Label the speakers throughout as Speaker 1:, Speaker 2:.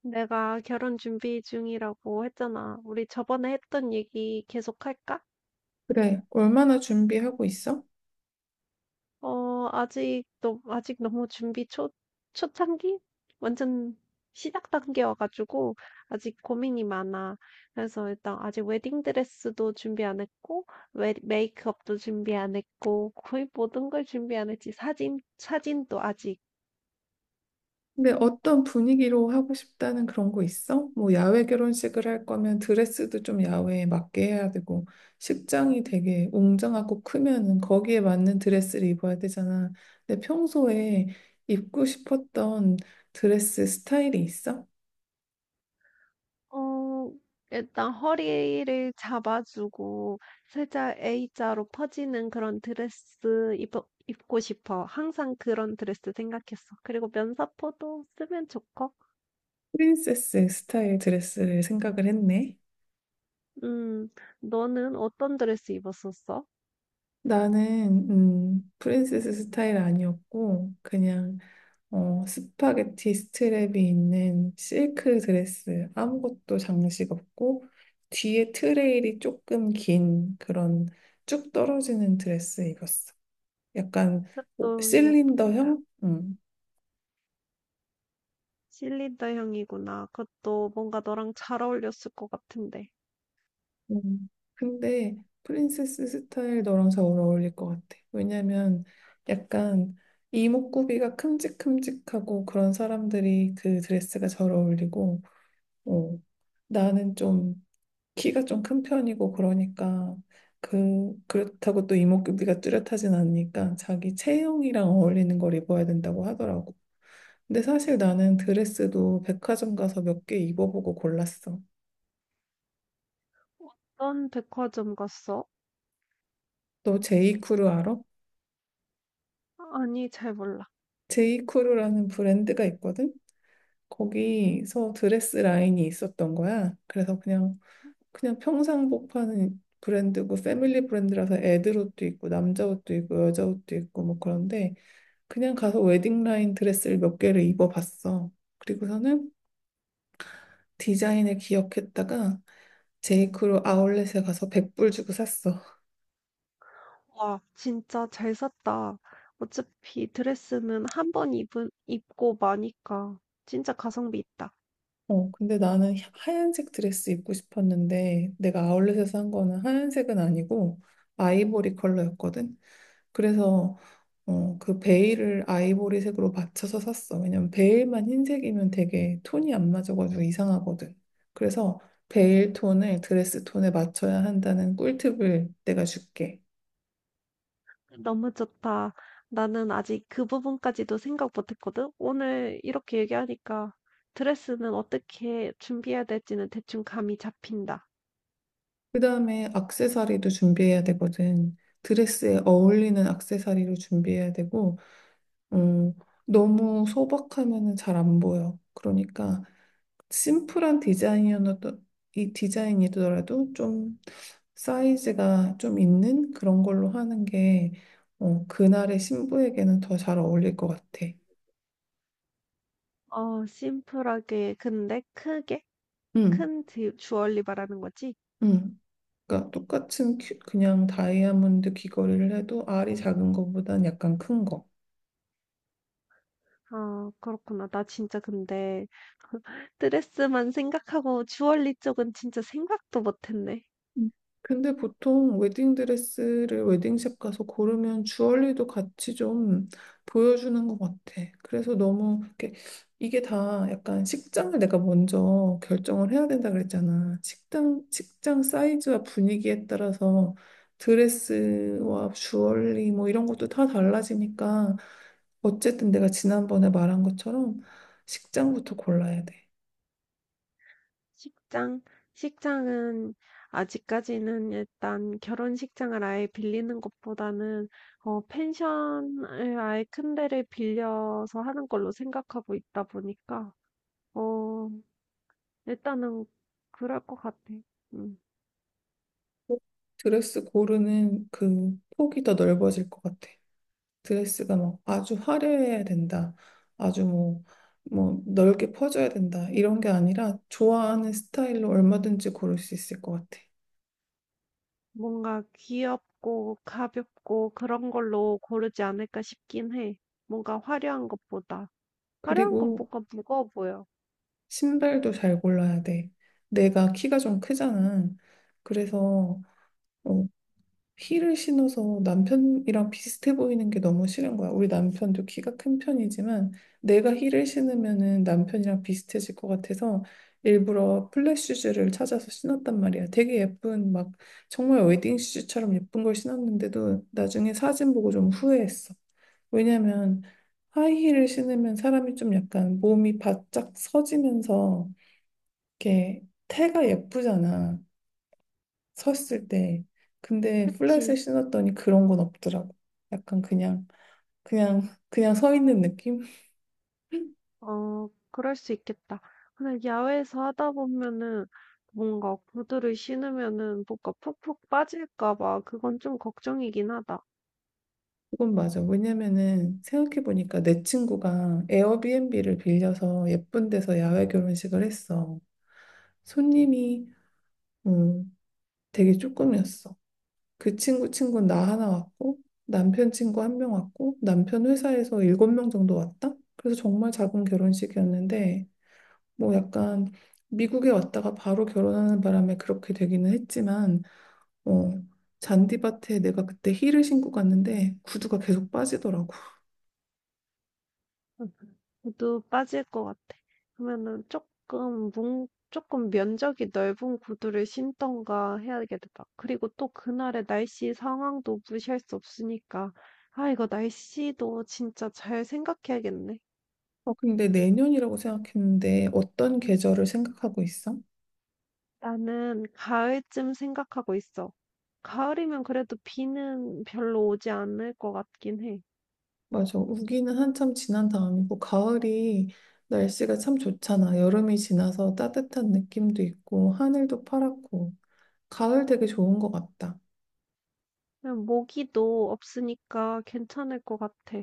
Speaker 1: 내가 결혼 준비 중이라고 했잖아. 우리 저번에 했던 얘기 계속 할까?
Speaker 2: 그래, 얼마나 준비하고 있어?
Speaker 1: 어, 아직, 너, 아직 너무 준비 초, 초창기? 완전 시작 단계여가지고, 아직 고민이 많아. 그래서 일단 아직 웨딩드레스도 준비 안 했고, 메이크업도 준비 안 했고, 거의 모든 걸 준비 안 했지. 사진도 아직.
Speaker 2: 근데 어떤 분위기로 하고 싶다는 그런 거 있어? 뭐 야외 결혼식을 할 거면 드레스도 좀 야외에 맞게 해야 되고, 식장이 되게 웅장하고 크면은 거기에 맞는 드레스를 입어야 되잖아. 근데 평소에 입고 싶었던 드레스 스타일이 있어?
Speaker 1: 어 일단 허리를 잡아 주고 살짝 A자로 퍼지는 그런 드레스 입어 입고 싶어. 항상 그런 드레스 생각했어. 그리고 면사포도 쓰면 좋고.
Speaker 2: 프린세스 스타일 드레스를 생각을 했네.
Speaker 1: 음, 너는 어떤 드레스 입었었어?
Speaker 2: 나는 프린세스 스타일 아니었고 그냥 스파게티 스트랩이 있는 실크 드레스, 아무것도 장식 없고, 뒤에 트레일이 조금 긴 그런 쭉 떨어지는 드레스 입었어. 약간
Speaker 1: 그것도 예쁘겠다.
Speaker 2: 실린더형? 음.
Speaker 1: 실리더 향이구나. 그것도 뭔가 너랑 잘 어울렸을 것 같은데.
Speaker 2: 음. 근데 프린세스 스타일 너랑 잘 어울릴 것 같아. 왜냐면 약간 이목구비가 큼직큼직하고 그런 사람들이 그 드레스가 잘 어울리고, 어, 나는 좀 키가 좀 큰 편이고 그러니까 그렇다고 또 이목구비가 뚜렷하진 않으니까 자기 체형이랑 어울리는 걸 입어야 된다고 하더라고. 근데 사실 나는 드레스도 백화점 가서 몇 개 입어보고 골랐어.
Speaker 1: 어떤 백화점 갔어?
Speaker 2: 너 제이크루 알아?
Speaker 1: 아니, 잘 몰라.
Speaker 2: 제이크루라는 브랜드가 있거든. 거기서 드레스 라인이 있었던 거야. 그래서 그냥 평상복 파는 브랜드고 패밀리 브랜드라서 애들 옷도 있고 남자 옷도 있고 여자 옷도 있고 뭐 그런데 그냥 가서 웨딩라인 드레스를 몇 개를 입어봤어. 그리고서는 디자인을 기억했다가 제이크로 아울렛에 가서 100불 주고 샀어.
Speaker 1: 와, 진짜 잘 샀다. 어차피 드레스는 한 번 입고 마니까 진짜 가성비 있다.
Speaker 2: 근데 나는 하얀색 드레스 입고 싶었는데 내가 아울렛에서 산 거는 하얀색은 아니고 아이보리 컬러였거든. 그래서 그 베일을 아이보리색으로 맞춰서 샀어. 왜냐면 베일만 흰색이면 되게 톤이 안 맞아가지고 이상하거든. 그래서 베일 톤을 드레스 톤에 맞춰야 한다는 꿀팁을 내가 줄게.
Speaker 1: 너무 좋다. 나는 아직 그 부분까지도 생각 못했거든. 오늘 이렇게 얘기하니까 드레스는 어떻게 준비해야 될지는 대충 감이 잡힌다.
Speaker 2: 그 다음에 액세서리도 준비해야 되거든. 드레스에 어울리는 액세서리를 준비해야 되고, 음, 너무 소박하면은 잘 안 보여. 그러니까 심플한 디자인이어도 이 디자인이더라도 좀 사이즈가 좀 있는 그런 걸로 하는 게 그날의 신부에게는 더 잘 어울릴 것 같아.
Speaker 1: 어, 심플하게, 근데 크게,
Speaker 2: 응,
Speaker 1: 큰 주얼리 말하는 거지?
Speaker 2: 응. 그러니까 똑같은 그냥 다이아몬드 귀걸이를 해도 알이 작은 것보단 약간 큰 거.
Speaker 1: 아, 그렇구나. 나 진짜 근데 드레스만 생각하고 주얼리 쪽은 진짜 생각도 못했네.
Speaker 2: 음. 근데 보통 웨딩 드레스를 웨딩샵 가서 고르면 주얼리도 같이 좀 보여주는 것 같아. 그래서 너무 이렇게 이게 다 약간 식장을 내가 먼저 결정을 해야 된다 그랬잖아. 식당, 식장 사이즈와 분위기에 따라서 드레스와 주얼리 뭐 이런 것도 다 달라지니까 어쨌든 내가 지난번에 말한 것처럼 식장부터 골라야 돼.
Speaker 1: 식장? 식장은 아직까지는 일단 결혼식장을 아예 빌리는 것보다는 어 펜션을 아예 큰 데를 빌려서 하는 걸로 생각하고 있다 보니까 어 일단은 그럴 것 같아. 음.
Speaker 2: 드레스 고르는 그 폭이 더 넓어질 것 같아. 드레스가 막 아주 화려해야 된다. 아주 뭐 넓게 퍼져야 된다. 이런 게 아니라 좋아하는 스타일로 얼마든지 고를 수 있을 것 같아.
Speaker 1: 뭔가 귀엽고 가볍고 그런 걸로 고르지 않을까 싶긴 해. 뭔가 화려한 것보다. 화려한 건
Speaker 2: 그리고
Speaker 1: 뭔가 무거워 보여.
Speaker 2: 신발도 잘 골라야 돼. 내가 키가 좀 크잖아. 그래서 어, 힐을 신어서 남편이랑 비슷해 보이는 게 너무 싫은 거야. 우리 남편도 키가 큰 편이지만 내가 힐을 신으면은 남편이랑 비슷해질 것 같아서 일부러 플랫 슈즈를 찾아서 신었단 말이야. 되게 예쁜 막 정말 웨딩 슈즈처럼 예쁜 걸 신었는데도 나중에 사진 보고 좀 후회했어. 왜냐면 하이힐을 신으면 사람이 좀 약간 몸이 바짝 서지면서 이렇게 태가 예쁘잖아. 섰을 때. 근데 플랫을
Speaker 1: 그치?
Speaker 2: 신었더니 그런 건 없더라고. 약간 그냥, 그냥 서 있는 느낌?
Speaker 1: 어, 그럴 수 있겠다. 근데 야외에서 하다 보면은 뭔가 구두를 신으면은 뭐가 푹푹 빠질까 봐 그건 좀 걱정이긴 하다.
Speaker 2: 그건 맞아. 왜냐면은 생각해보니까 내 친구가 에어비앤비를 빌려서 예쁜 데서 야외 결혼식을 했어. 손님이 음, 되게 조금이었어. 그 친구 친구는
Speaker 1: 음,
Speaker 2: 나 하나 왔고, 남편 친구 한 명 왔고, 남편 회사에서 일곱 명 정도 왔다? 그래서 정말 작은 결혼식이었는데, 뭐 약간 미국에 왔다가 바로 결혼하는 바람에 그렇게 되기는 했지만, 어, 잔디밭에 내가 그때 힐을 신고 갔는데 구두가 계속 빠지더라고.
Speaker 1: 음, 구두 빠질 것 같아. 그러면은 조금 면적이 넓은 구두를 신던가 해야겠다. 그리고 또 그날의 날씨 상황도 무시할 수 없으니까. 아, 이거 날씨도 진짜 잘 생각해야겠네.
Speaker 2: 근데 내년이라고 생각했는데 어떤 계절을 생각하고 있어?
Speaker 1: 나는 가을쯤 생각하고 있어. 가을이면 그래도 비는 별로 오지 않을 것 같긴 해.
Speaker 2: 맞아. 우기는 한참 지난 다음이고 가을이 날씨가 참 좋잖아. 여름이 지나서 따뜻한 느낌도 있고 하늘도 파랗고 가을 되게 좋은 것 같다.
Speaker 1: 그냥 모기도 없으니까 괜찮을 것 같아.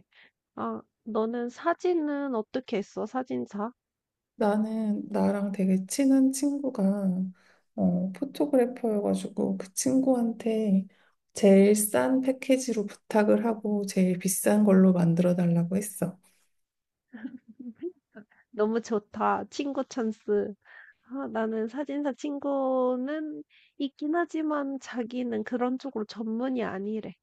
Speaker 1: 아, 너는 사진은 어떻게 했어? 사진사?
Speaker 2: 나는 나랑 되게 친한 친구가 포토그래퍼여가지고 그 친구한테 제일 싼 패키지로 부탁을 하고 제일 비싼 걸로 만들어 달라고 했어.
Speaker 1: 너무 좋다. 친구 찬스. 아, 나는 사진사 친구는 있긴 하지만 자기는 그런 쪽으로 전문이 아니래.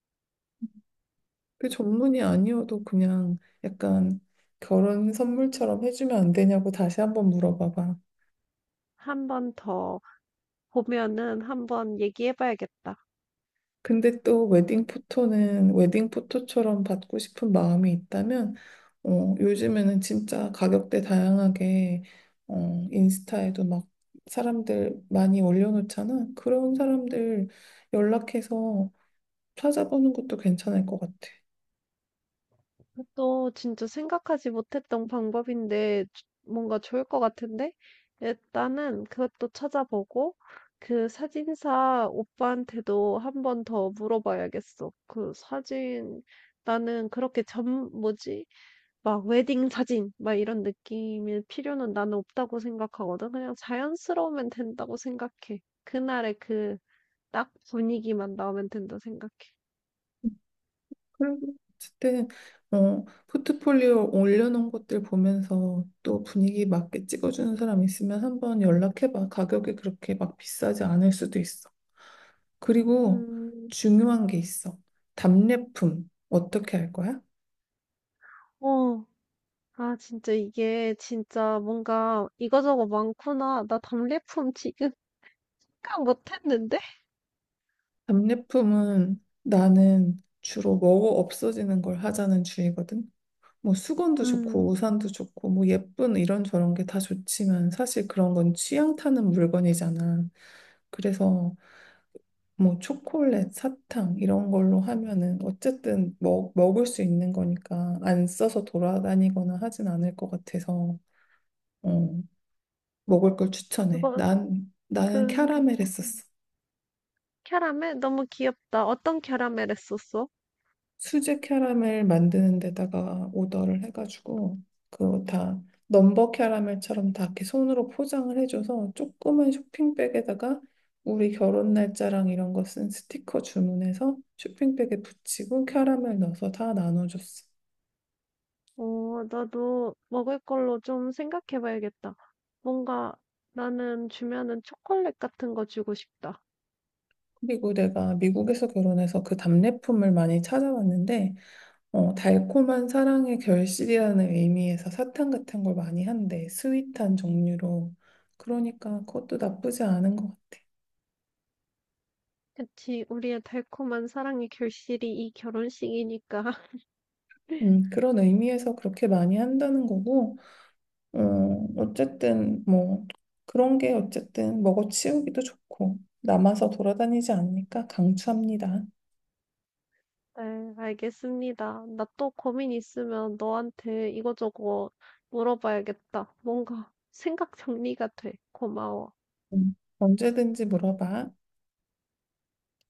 Speaker 2: 그 전문이 아니어도 그냥 약간 결혼 선물처럼 해주면 안 되냐고 다시 한번 물어봐봐.
Speaker 1: 한번 더 보면은 한 번 얘기해봐야겠다.
Speaker 2: 근데 또 웨딩 포토는 웨딩 포토처럼 받고 싶은 마음이 있다면 요즘에는 진짜 가격대 다양하게 인스타에도 막 사람들 많이 올려놓잖아. 그런 사람들 연락해서 찾아보는 것도 괜찮을 것 같아.
Speaker 1: 또 진짜 생각하지 못했던 방법인데 뭔가 좋을 것 같은데? 일단은 그것도 찾아보고 그 사진사 오빠한테도 한 번 더 물어봐야겠어. 그 사진 나는 그렇게 전 뭐지? 막 웨딩 사진 막 이런 느낌일 필요는 나는 없다고 생각하거든. 그냥 자연스러우면 된다고 생각해. 그날의 그 딱 분위기만 나오면 된다 생각해.
Speaker 2: 그리고 어쨌든 포트폴리오 올려놓은 것들 보면서 또 분위기 맞게 찍어주는 사람 있으면 한번 연락해봐. 가격이 그렇게 막 비싸지 않을 수도 있어. 그리고
Speaker 1: 음,
Speaker 2: 중요한 게 있어. 답례품. 어떻게 할 거야?
Speaker 1: 어, 아, 진짜 이게 진짜 뭔가 이거저거 많구나. 나 답례품 지금 생각 못했는데?
Speaker 2: 답례품은 나는 주로 먹어 없어지는 걸 하자는 주의거든. 뭐 수건도 좋고
Speaker 1: 음,
Speaker 2: 우산도 좋고 뭐 예쁜 이런 저런 게 다 좋지만 사실 그런 건 취향 타는 물건이잖아. 그래서 뭐 초콜릿, 사탕 이런 걸로 하면은 어쨌든 먹을 수 있는 거니까 안 써서 돌아다니거나 하진 않을 것 같아서 어, 먹을 걸 추천해.
Speaker 1: 그거,
Speaker 2: 나는
Speaker 1: 그렇고.
Speaker 2: 캐러멜 했었어.
Speaker 1: 캐러멜? 너무 귀엽다. 어떤 캐러멜 했었어?
Speaker 2: 수제 캐러멜 만드는 데다가 오더를 해가지고, 그거 다 넘버 캐러멜처럼 다 이렇게 손으로 포장을 해줘서 조그만 쇼핑백에다가 우리 결혼 날짜랑 이런 거 쓴 스티커 주문해서 쇼핑백에 붙이고 캐러멜 넣어서 다 나눠줬어.
Speaker 1: 어, 나도 먹을 걸로 좀 생각해 봐야겠다. 뭔가 나는 주면은 초콜릿 같은 거 주고 싶다.
Speaker 2: 그리고 내가 미국에서 결혼해서 그 답례품을 많이 찾아왔는데 달콤한 사랑의 결실이라는 의미에서 사탕 같은 걸 많이 한대. 스윗한 종류로. 그러니까 그것도 나쁘지 않은 것 같아.
Speaker 1: 그치, 우리의 달콤한 사랑의 결실이 이 결혼식이니까.
Speaker 2: 그런 의미에서 그렇게 많이 한다는 거고, 어, 어쨌든 뭐 그런 게 어쨌든 먹어 치우기도 좋고 남아서 돌아다니지 않으니까 강추합니다.
Speaker 1: 네, 알겠습니다. 나 또 고민 있으면 너한테 이거저거 물어봐야겠다. 뭔가 생각 정리가 돼. 고마워.
Speaker 2: 언제든지 물어봐.